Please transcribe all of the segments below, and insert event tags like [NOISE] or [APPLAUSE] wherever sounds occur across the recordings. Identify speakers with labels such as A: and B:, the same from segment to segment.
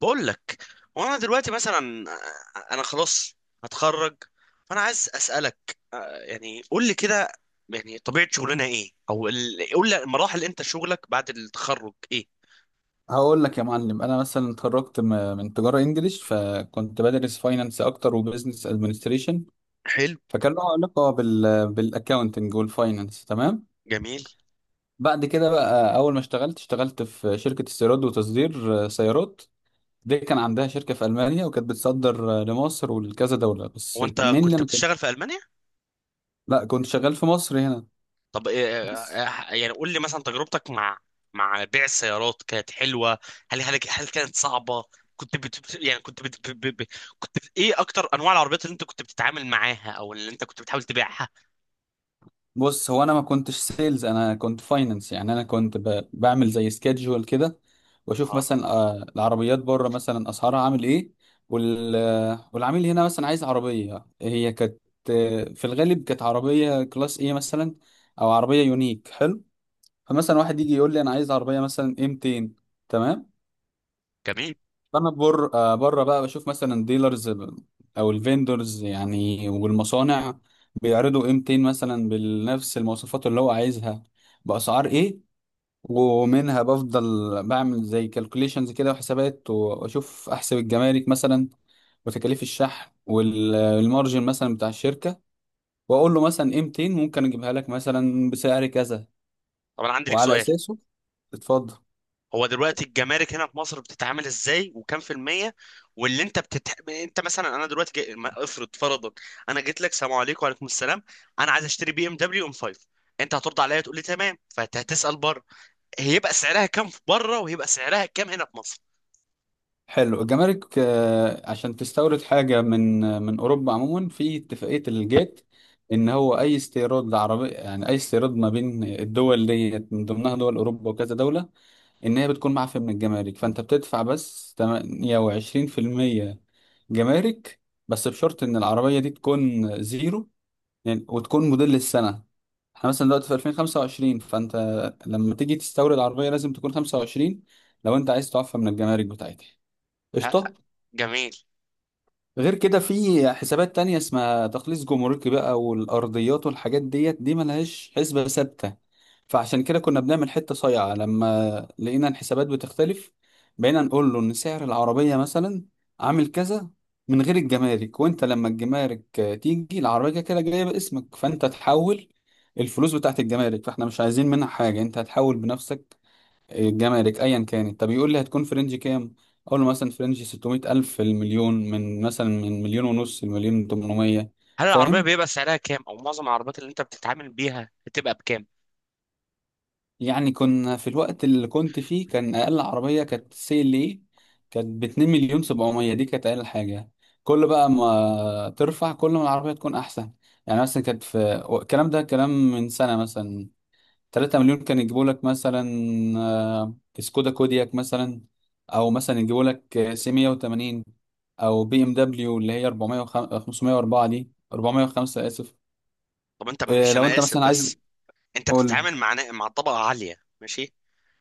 A: بقول لك. وانا دلوقتي مثلا، انا خلاص هتخرج. فانا عايز اسالك، يعني قول لي كده، يعني طبيعه شغلنا ايه، او قول لي مراحل انت شغلك بعد التخرج ايه؟
B: هقول لك يا معلم. انا مثلا اتخرجت من تجاره انجليش، فكنت بدرس فاينانس اكتر وبزنس ادمنستريشن.
A: حلو.
B: فكان له علاقه بالاكاونتنج والفاينانس. تمام.
A: جميل.
B: بعد كده بقى، اول ما اشتغلت في شركه استيراد وتصدير، سيارات. دي كان عندها شركه في المانيا، وكانت بتصدر لمصر ولكذا دوله، بس
A: هو انت
B: مين اللي
A: كنت
B: انا كنت.
A: بتشتغل في المانيا؟
B: لا، كنت شغال في مصر هنا.
A: طب إيه،
B: بس.
A: يعني قول لي مثلا تجربتك مع بيع السيارات كانت حلوه. هل كانت صعبه؟ كنت بت بت- يعني كنت بت ب- ب- ب- كنت بت- ايه اكتر انواع العربيات اللي انت كنت بتتعامل معاها، او اللي انت كنت بتحاول تبيعها؟
B: بص، هو انا ما كنتش سيلز، انا كنت فاينانس. يعني انا كنت بعمل زي سكيدجول كده، واشوف
A: اه.
B: مثلا العربيات بره مثلا اسعارها عامل ايه. والعميل هنا مثلا عايز عربيه، هي كانت في الغالب كانت عربيه كلاس ايه مثلا، او عربيه يونيك. حلو. فمثلا واحد يجي يقول لي، انا عايز عربيه مثلا ايه 200. تمام.
A: جميل.
B: انا بر آه، بره بقى بشوف مثلا ديلرز او الفيندرز يعني، والمصانع بيعرضوا قيمتين مثلا بنفس المواصفات اللي هو عايزها، باسعار ايه. ومنها بفضل بعمل زي كالكوليشنز كده وحسابات، واشوف احسب الجمارك مثلا، وتكاليف الشحن والمارجن مثلا بتاع الشركه، واقول له مثلا قيمتين ممكن اجيبها لك مثلا بسعر كذا،
A: طب انا عندي لك
B: وعلى
A: سؤال.
B: اساسه. اتفضل.
A: هو دلوقتي الجمارك هنا في مصر بتتعامل ازاي وكام في المية؟ انت مثلا، انا دلوقتي جاي... ما- افرض فرضا انا جيت لك سلام عليكم، وعليكم السلام. انا عايز اشتري بي ام دبليو ام 5. انت هترد عليا تقول لي تمام فهتسأل بره. هيبقى سعرها كام في بره، وهيبقى سعرها كام هنا في مصر؟
B: حلو. الجمارك عشان تستورد حاجة من أوروبا عموما، في اتفاقية الجيت، إن هو أي استيراد عربي، يعني أي استيراد ما بين الدول ديت، من ضمنها دول أوروبا وكذا دولة، إن هي بتكون معفية من الجمارك، فأنت بتدفع بس 28% جمارك. بس بشرط إن العربية دي تكون زيرو، يعني وتكون موديل السنة. احنا مثلا دلوقتي في 2025، فأنت لما تيجي تستورد عربية لازم تكون 25، لو أنت عايز تعفى من الجمارك بتاعتها.
A: ه-
B: قشطة.
A: جميل.
B: غير كده، في حسابات تانية اسمها تخليص جمركي بقى، والأرضيات والحاجات ديت، دي ملهاش حسبة ثابتة. فعشان كده كنا بنعمل حتة صايعة، لما لقينا الحسابات بتختلف، بقينا نقول له إن سعر العربية مثلا عامل كذا من غير الجمارك، وأنت لما الجمارك تيجي، العربية كده كده جاية باسمك، فأنت تحول الفلوس بتاعت الجمارك، فاحنا مش عايزين منها حاجة، أنت هتحول بنفسك الجمارك ايا كانت. طب يقول لي، هتكون في رينج كام؟ اقول له مثلا في رينج 600 الف المليون، من مثلا من مليون ونص لمليون 800.
A: هل العربية
B: فاهم.
A: بيبقى سعرها كام، او معظم العربيات اللي انت بتتعامل بيها بتبقى بكام؟
B: يعني كنا في الوقت اللي كنت فيه، كان اقل عربيه كانت سي ال اي، كانت ب 2 مليون 700، دي كانت اقل حاجه. كل بقى ما ترفع، كل ما العربيه تكون احسن. يعني مثلا كانت في، الكلام ده كلام من سنه، مثلا 3 مليون كان يجيبوا لك مثلا آه، سكودا كودياك مثلا، او مثلا يجيبوا لك سي 180، او بي ام دبليو اللي هي 400 504، دي 405 اسف.
A: طب انت معلش
B: لو
A: انا
B: انت مثلا
A: اسف
B: عايز،
A: بس. انت
B: قول لي.
A: بتتعامل مع مع طبقة عالية ماشي.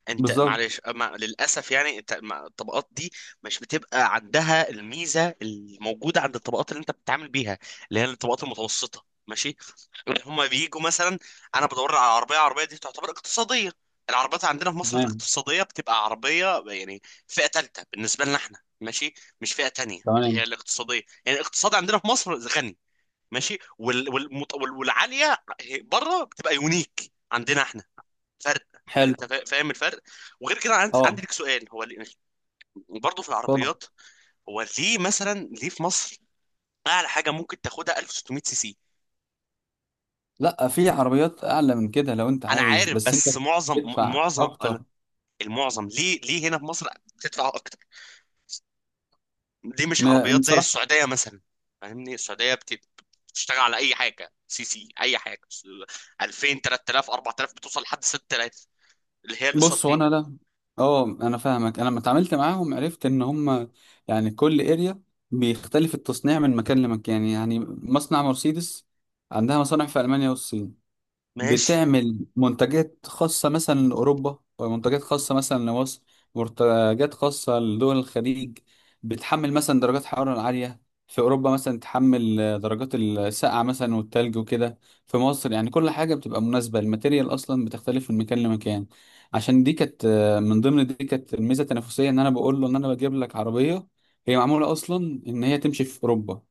A: انت
B: بالظبط.
A: معلش، ما للاسف يعني انت الطبقات دي مش بتبقى عندها الميزه الموجوده عند الطبقات اللي انت بتتعامل بيها، اللي هي الطبقات المتوسطه ماشي، اللي هم بيجوا مثلا. انا بدور على عربيه، عربيه دي تعتبر اقتصاديه. العربيات عندنا في مصر
B: تمام.
A: الاقتصاديه بتبقى عربيه يعني فئه ثالثه بالنسبه لنا احنا ماشي. مش فئه تانية اللي هي
B: تمام.
A: الاقتصاديه، يعني الاقتصاد عندنا في مصر غني ماشي. والعاليه بره بتبقى يونيك عندنا احنا. فرق.
B: حلو.
A: فانت فاهم الفرق. وغير كده
B: اه،
A: عندي ليك سؤال. هو يعني برضه في
B: اتفضل.
A: العربيات، هو ليه مثلا، ليه في مصر اعلى حاجه ممكن تاخدها 1600 سي سي؟
B: لا، في عربيات اعلى من كده لو انت
A: انا
B: عايز،
A: عارف
B: بس انت
A: بس معظم
B: تدفع اكتر.
A: المعظم، ليه ليه هنا في مصر بتدفع اكتر؟ ليه مش عربيات زي
B: بصراحه،
A: السعوديه مثلا؟ فاهمني، السعوديه بتشتغل على اي حاجه سي سي، اي حاجه، 2000، 3000، 4000، بتوصل لحد 6000، اللي هي الاس ار
B: بص، هو انا،
A: تي.
B: لا، اه، انا فاهمك. انا لما اتعاملت معاهم، عرفت ان هم يعني كل اريا بيختلف التصنيع من مكان لمكان. يعني مصنع مرسيدس عندها مصانع في المانيا والصين،
A: ماشي،
B: بتعمل منتجات خاصة مثلا لأوروبا، ومنتجات خاصة مثلا لمصر، منتجات خاصة لدول الخليج، بتحمل مثلا درجات الحرارة العالية. في أوروبا مثلا تحمل درجات السقعة مثلا والتلج وكده. في مصر يعني كل حاجة بتبقى مناسبة، الماتيريال أصلا بتختلف من مكان لمكان. عشان دي كانت من ضمن، دي كانت الميزة التنافسية، إن أنا بقول له إن أنا بجيب لك عربية هي معمولة أصلا إن هي تمشي في أوروبا،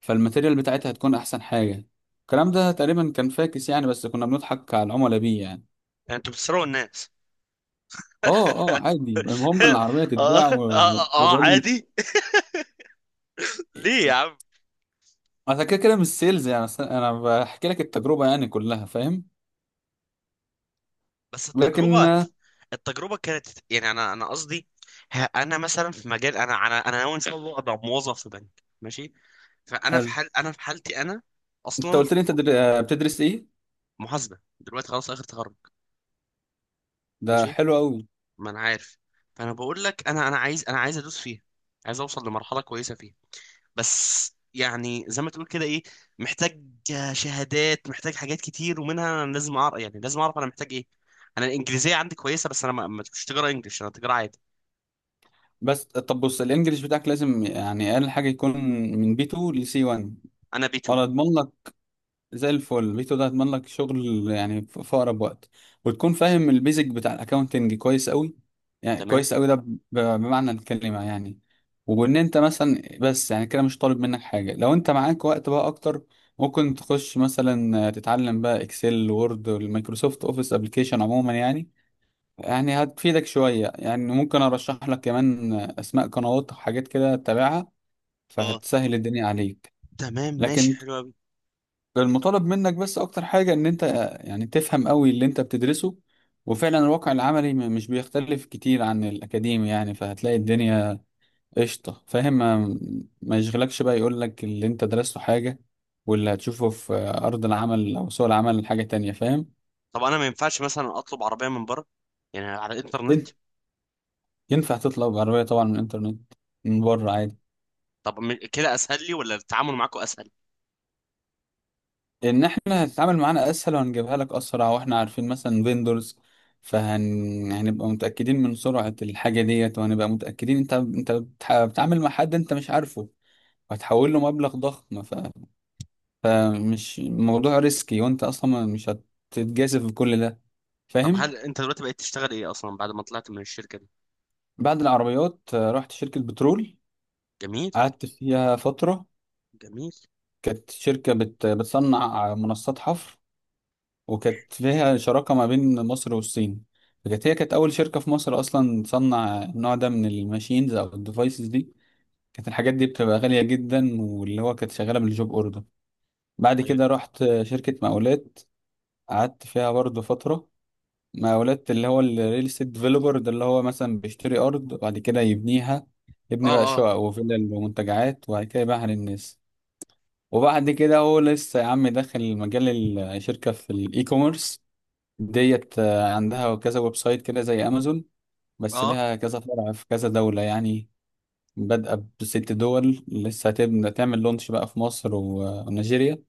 B: فالماتيريال بتاعتها هتكون احسن حاجه. الكلام ده تقريبا كان فاكس يعني، بس كنا بنضحك على العملاء بيه يعني.
A: يعني انتوا بتسرقوا الناس.
B: اه اه، عادي، المهم
A: [LAUGHS]
B: إن
A: اه،
B: العربيه
A: اه،
B: تتباع
A: اه،
B: والراجل.
A: عادي. ليه يا عم؟
B: انا كده كده مش سيلز يعني، أصل انا بحكي لك التجربه يعني كلها. فاهم.
A: بس
B: لكن
A: التجربة، التجربة كانت يعني، انا قصدي، انا مثلا في مجال، انا ناوي ان شاء الله ابقى موظف في بنك ماشي. فانا في
B: حلو.
A: حال انا في حالتي انا
B: انت قلت
A: اصلا
B: لي انت بتدرس ايه؟
A: محاسبة دلوقتي، خلاص اخر تخرج.
B: ده
A: ماشي،
B: حلو قوي.
A: ما انا عارف. فانا بقول لك، انا عايز ادوس فيها، عايز اوصل لمرحلة كويسة فيها. بس يعني زي ما تقول كده، ايه؟ محتاج شهادات، محتاج حاجات كتير، ومنها انا لازم اعرف، يعني لازم اعرف انا محتاج ايه. انا الانجليزيه عندي كويسه، بس انا مش تجاره انجلش، انا تجاره عادي.
B: بس طب، بص الانجليش بتاعك لازم يعني اقل حاجه يكون من بي 2 لسي 1،
A: انا بي 2.
B: ولا اضمن زي الفل فيتو ده، هتضمن لك شغل يعني في اقرب وقت. وتكون فاهم البيزك بتاع الاكاونتنج كويس قوي، يعني
A: تمام.
B: كويس قوي ده بمعنى الكلمه يعني. وان انت مثلا، بس يعني كده مش طالب منك حاجه، لو انت معاك وقت بقى اكتر، ممكن تخش مثلا تتعلم بقى اكسل وورد والمايكروسوفت اوفيس ابلكيشن عموما يعني، يعني هتفيدك شويه يعني. ممكن ارشح لك كمان اسماء قنوات وحاجات كده تتابعها،
A: اه،
B: فهتسهل الدنيا عليك.
A: تمام ماشي،
B: لكن
A: حلو قوي.
B: المطالب منك بس اكتر حاجة، ان انت يعني تفهم قوي اللي انت بتدرسه. وفعلا الواقع العملي مش بيختلف كتير عن الاكاديمي يعني، فهتلاقي الدنيا قشطة. فاهم. ما يشغلكش بقى يقول لك اللي انت درسته حاجة واللي هتشوفه في ارض العمل او سوق العمل حاجة تانية. فاهم.
A: طب انا ما ينفعش مثلا اطلب عربيه من بره؟ يعني على الانترنت؟
B: ين- ينفع تطلب عربية طبعا من الانترنت، من بره عادي.
A: طب كده اسهل لي ولا التعامل معاكم اسهل؟
B: ان احنا هتتعامل معانا اسهل، وهنجيبها لك اسرع، واحنا عارفين مثلا فيندورز، هنبقى متاكدين من سرعه الحاجه ديت، وهنبقى متاكدين انت بتتعامل مع حد انت مش عارفه، وهتحول له مبلغ ضخم فمش موضوع ريسكي، وانت اصلا مش هتتجازف بكل ده.
A: طب
B: فاهم.
A: هل انت دلوقتي بقيت تشتغل ايه اصلا بعد ما طلعت من الشركه دي؟
B: بعد العربيات رحت شركه بترول،
A: جميل.
B: قعدت فيها فتره.
A: جميل.
B: كانت شركه بتصنع منصات حفر، وكانت فيها شراكة ما بين مصر والصين. فكانت، هي كانت أول شركة في مصر أصلا تصنع النوع ده من الماشينز أو الديفايسز دي، كانت الحاجات دي بتبقى غالية جدا، واللي هو كانت شغالة بالجوب أوردر. بعد
A: طيب.
B: كده رحت شركة مقاولات، قعدت فيها برضه فترة. مقاولات اللي هو الريل استيت ديفلوبر ده، اللي هو مثلا بيشتري أرض وبعد كده يبنيها،
A: اه.
B: يبني بقى
A: اه.
B: شقق وفلل ومنتجعات، وبعد كده يبيعها للناس. وبعد كده، هو لسه يا عم داخل مجال الشركة في الإي كوميرس ديت، عندها كذا ويب سايت كده زي امازون، بس
A: اه.
B: لها كذا فرع في كذا دولة يعني، بادئة بست دول لسه هتبدأ تعمل لونش بقى في مصر ونيجيريا،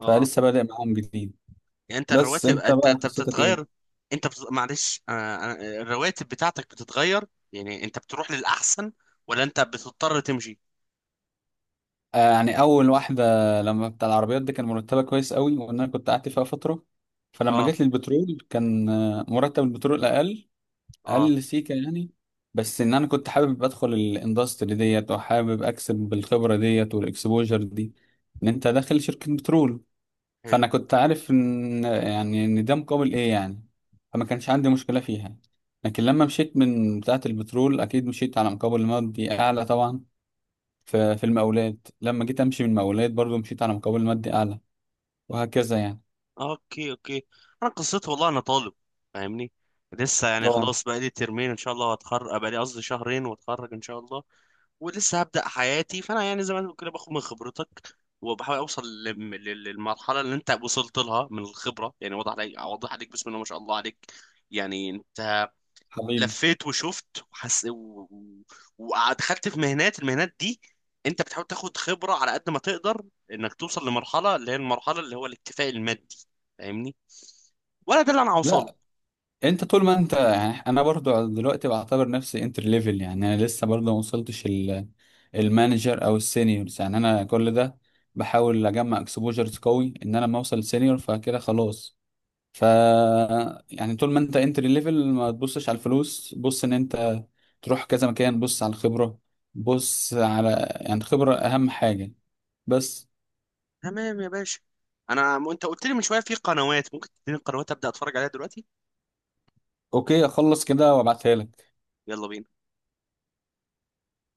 A: اه.
B: فلسه بادئ معاهم جديد.
A: يعني انت
B: بس
A: الرواتب،
B: انت بقى
A: انت
B: قصتك
A: بتتغير،
B: ايه؟
A: انت بت... معلش، الرواتب بتاعتك بتتغير، يعني انت بتروح للاحسن، ولا انت بتضطر تمشي؟
B: آه، يعني اول واحدة لما بتاع العربيات دي، كان مرتبها كويس قوي، وان انا كنت قعدت فيها فترة. فلما
A: اه.
B: جيت للبترول، كان مرتب البترول اقل،
A: اه.
B: اقل سيكه يعني. بس ان انا كنت حابب ادخل الاندستري ديت، وحابب اكسب بالخبره ديت والاكسبوجر دي، ان انت داخل شركه بترول،
A: حلو.
B: فانا كنت عارف ان يعني ان ده مقابل ايه يعني. فما كانش عندي مشكله فيها. لكن لما مشيت من بتاعه البترول، اكيد مشيت على مقابل مادي اعلى طبعا. في المقاولات، لما جيت امشي من المقاولات برضو مشيت على مقابل مادي اعلى، وهكذا يعني.
A: اوكي، اوكي. انا قصتي والله، انا طالب فاهمني، لسه يعني
B: اه.
A: خلاص بقى لي ترمين ان شاء الله هتخرج، بقى لي قصدي شهرين واتخرج ان شاء الله. ولسه هبدأ حياتي. فانا يعني زي ما تقول كده باخد من خبرتك وبحاول اوصل للمرحله اللي انت وصلت لها من الخبره. يعني واضح عليك، واضح عليك، بسم الله ما شاء الله عليك. يعني انت
B: حبيبي.
A: لفيت وشفت وحس ودخلت في مهنات، المهنات دي انت بتحاول تاخد خبره على قد ما تقدر، انك توصل لمرحله اللي هي المرحله اللي هو الاكتفاء المادي، فاهمني؟ ولا ده اللي انا هوصله؟
B: لا، انت طول ما انت يعني، انا برضو دلوقتي بعتبر نفسي انتر ليفل، يعني انا لسه برضو ما وصلتش المانجر او السينيورز، يعني انا كل ده بحاول اجمع اكسبوجرز قوي، ان انا لما اوصل سينيور فكده خلاص. ف، يعني طول ما انت انتر ليفل ما تبصش على الفلوس، بص ان انت تروح كذا مكان، بص على الخبرة، بص على يعني خبرة اهم حاجة. بس.
A: تمام يا باشا. انا انت قلت لي من شويه في قنوات، ممكن تديني القنوات ابدا اتفرج عليها دلوقتي.
B: اوكي، اخلص كده وابعتها لك.
A: يلا بينا.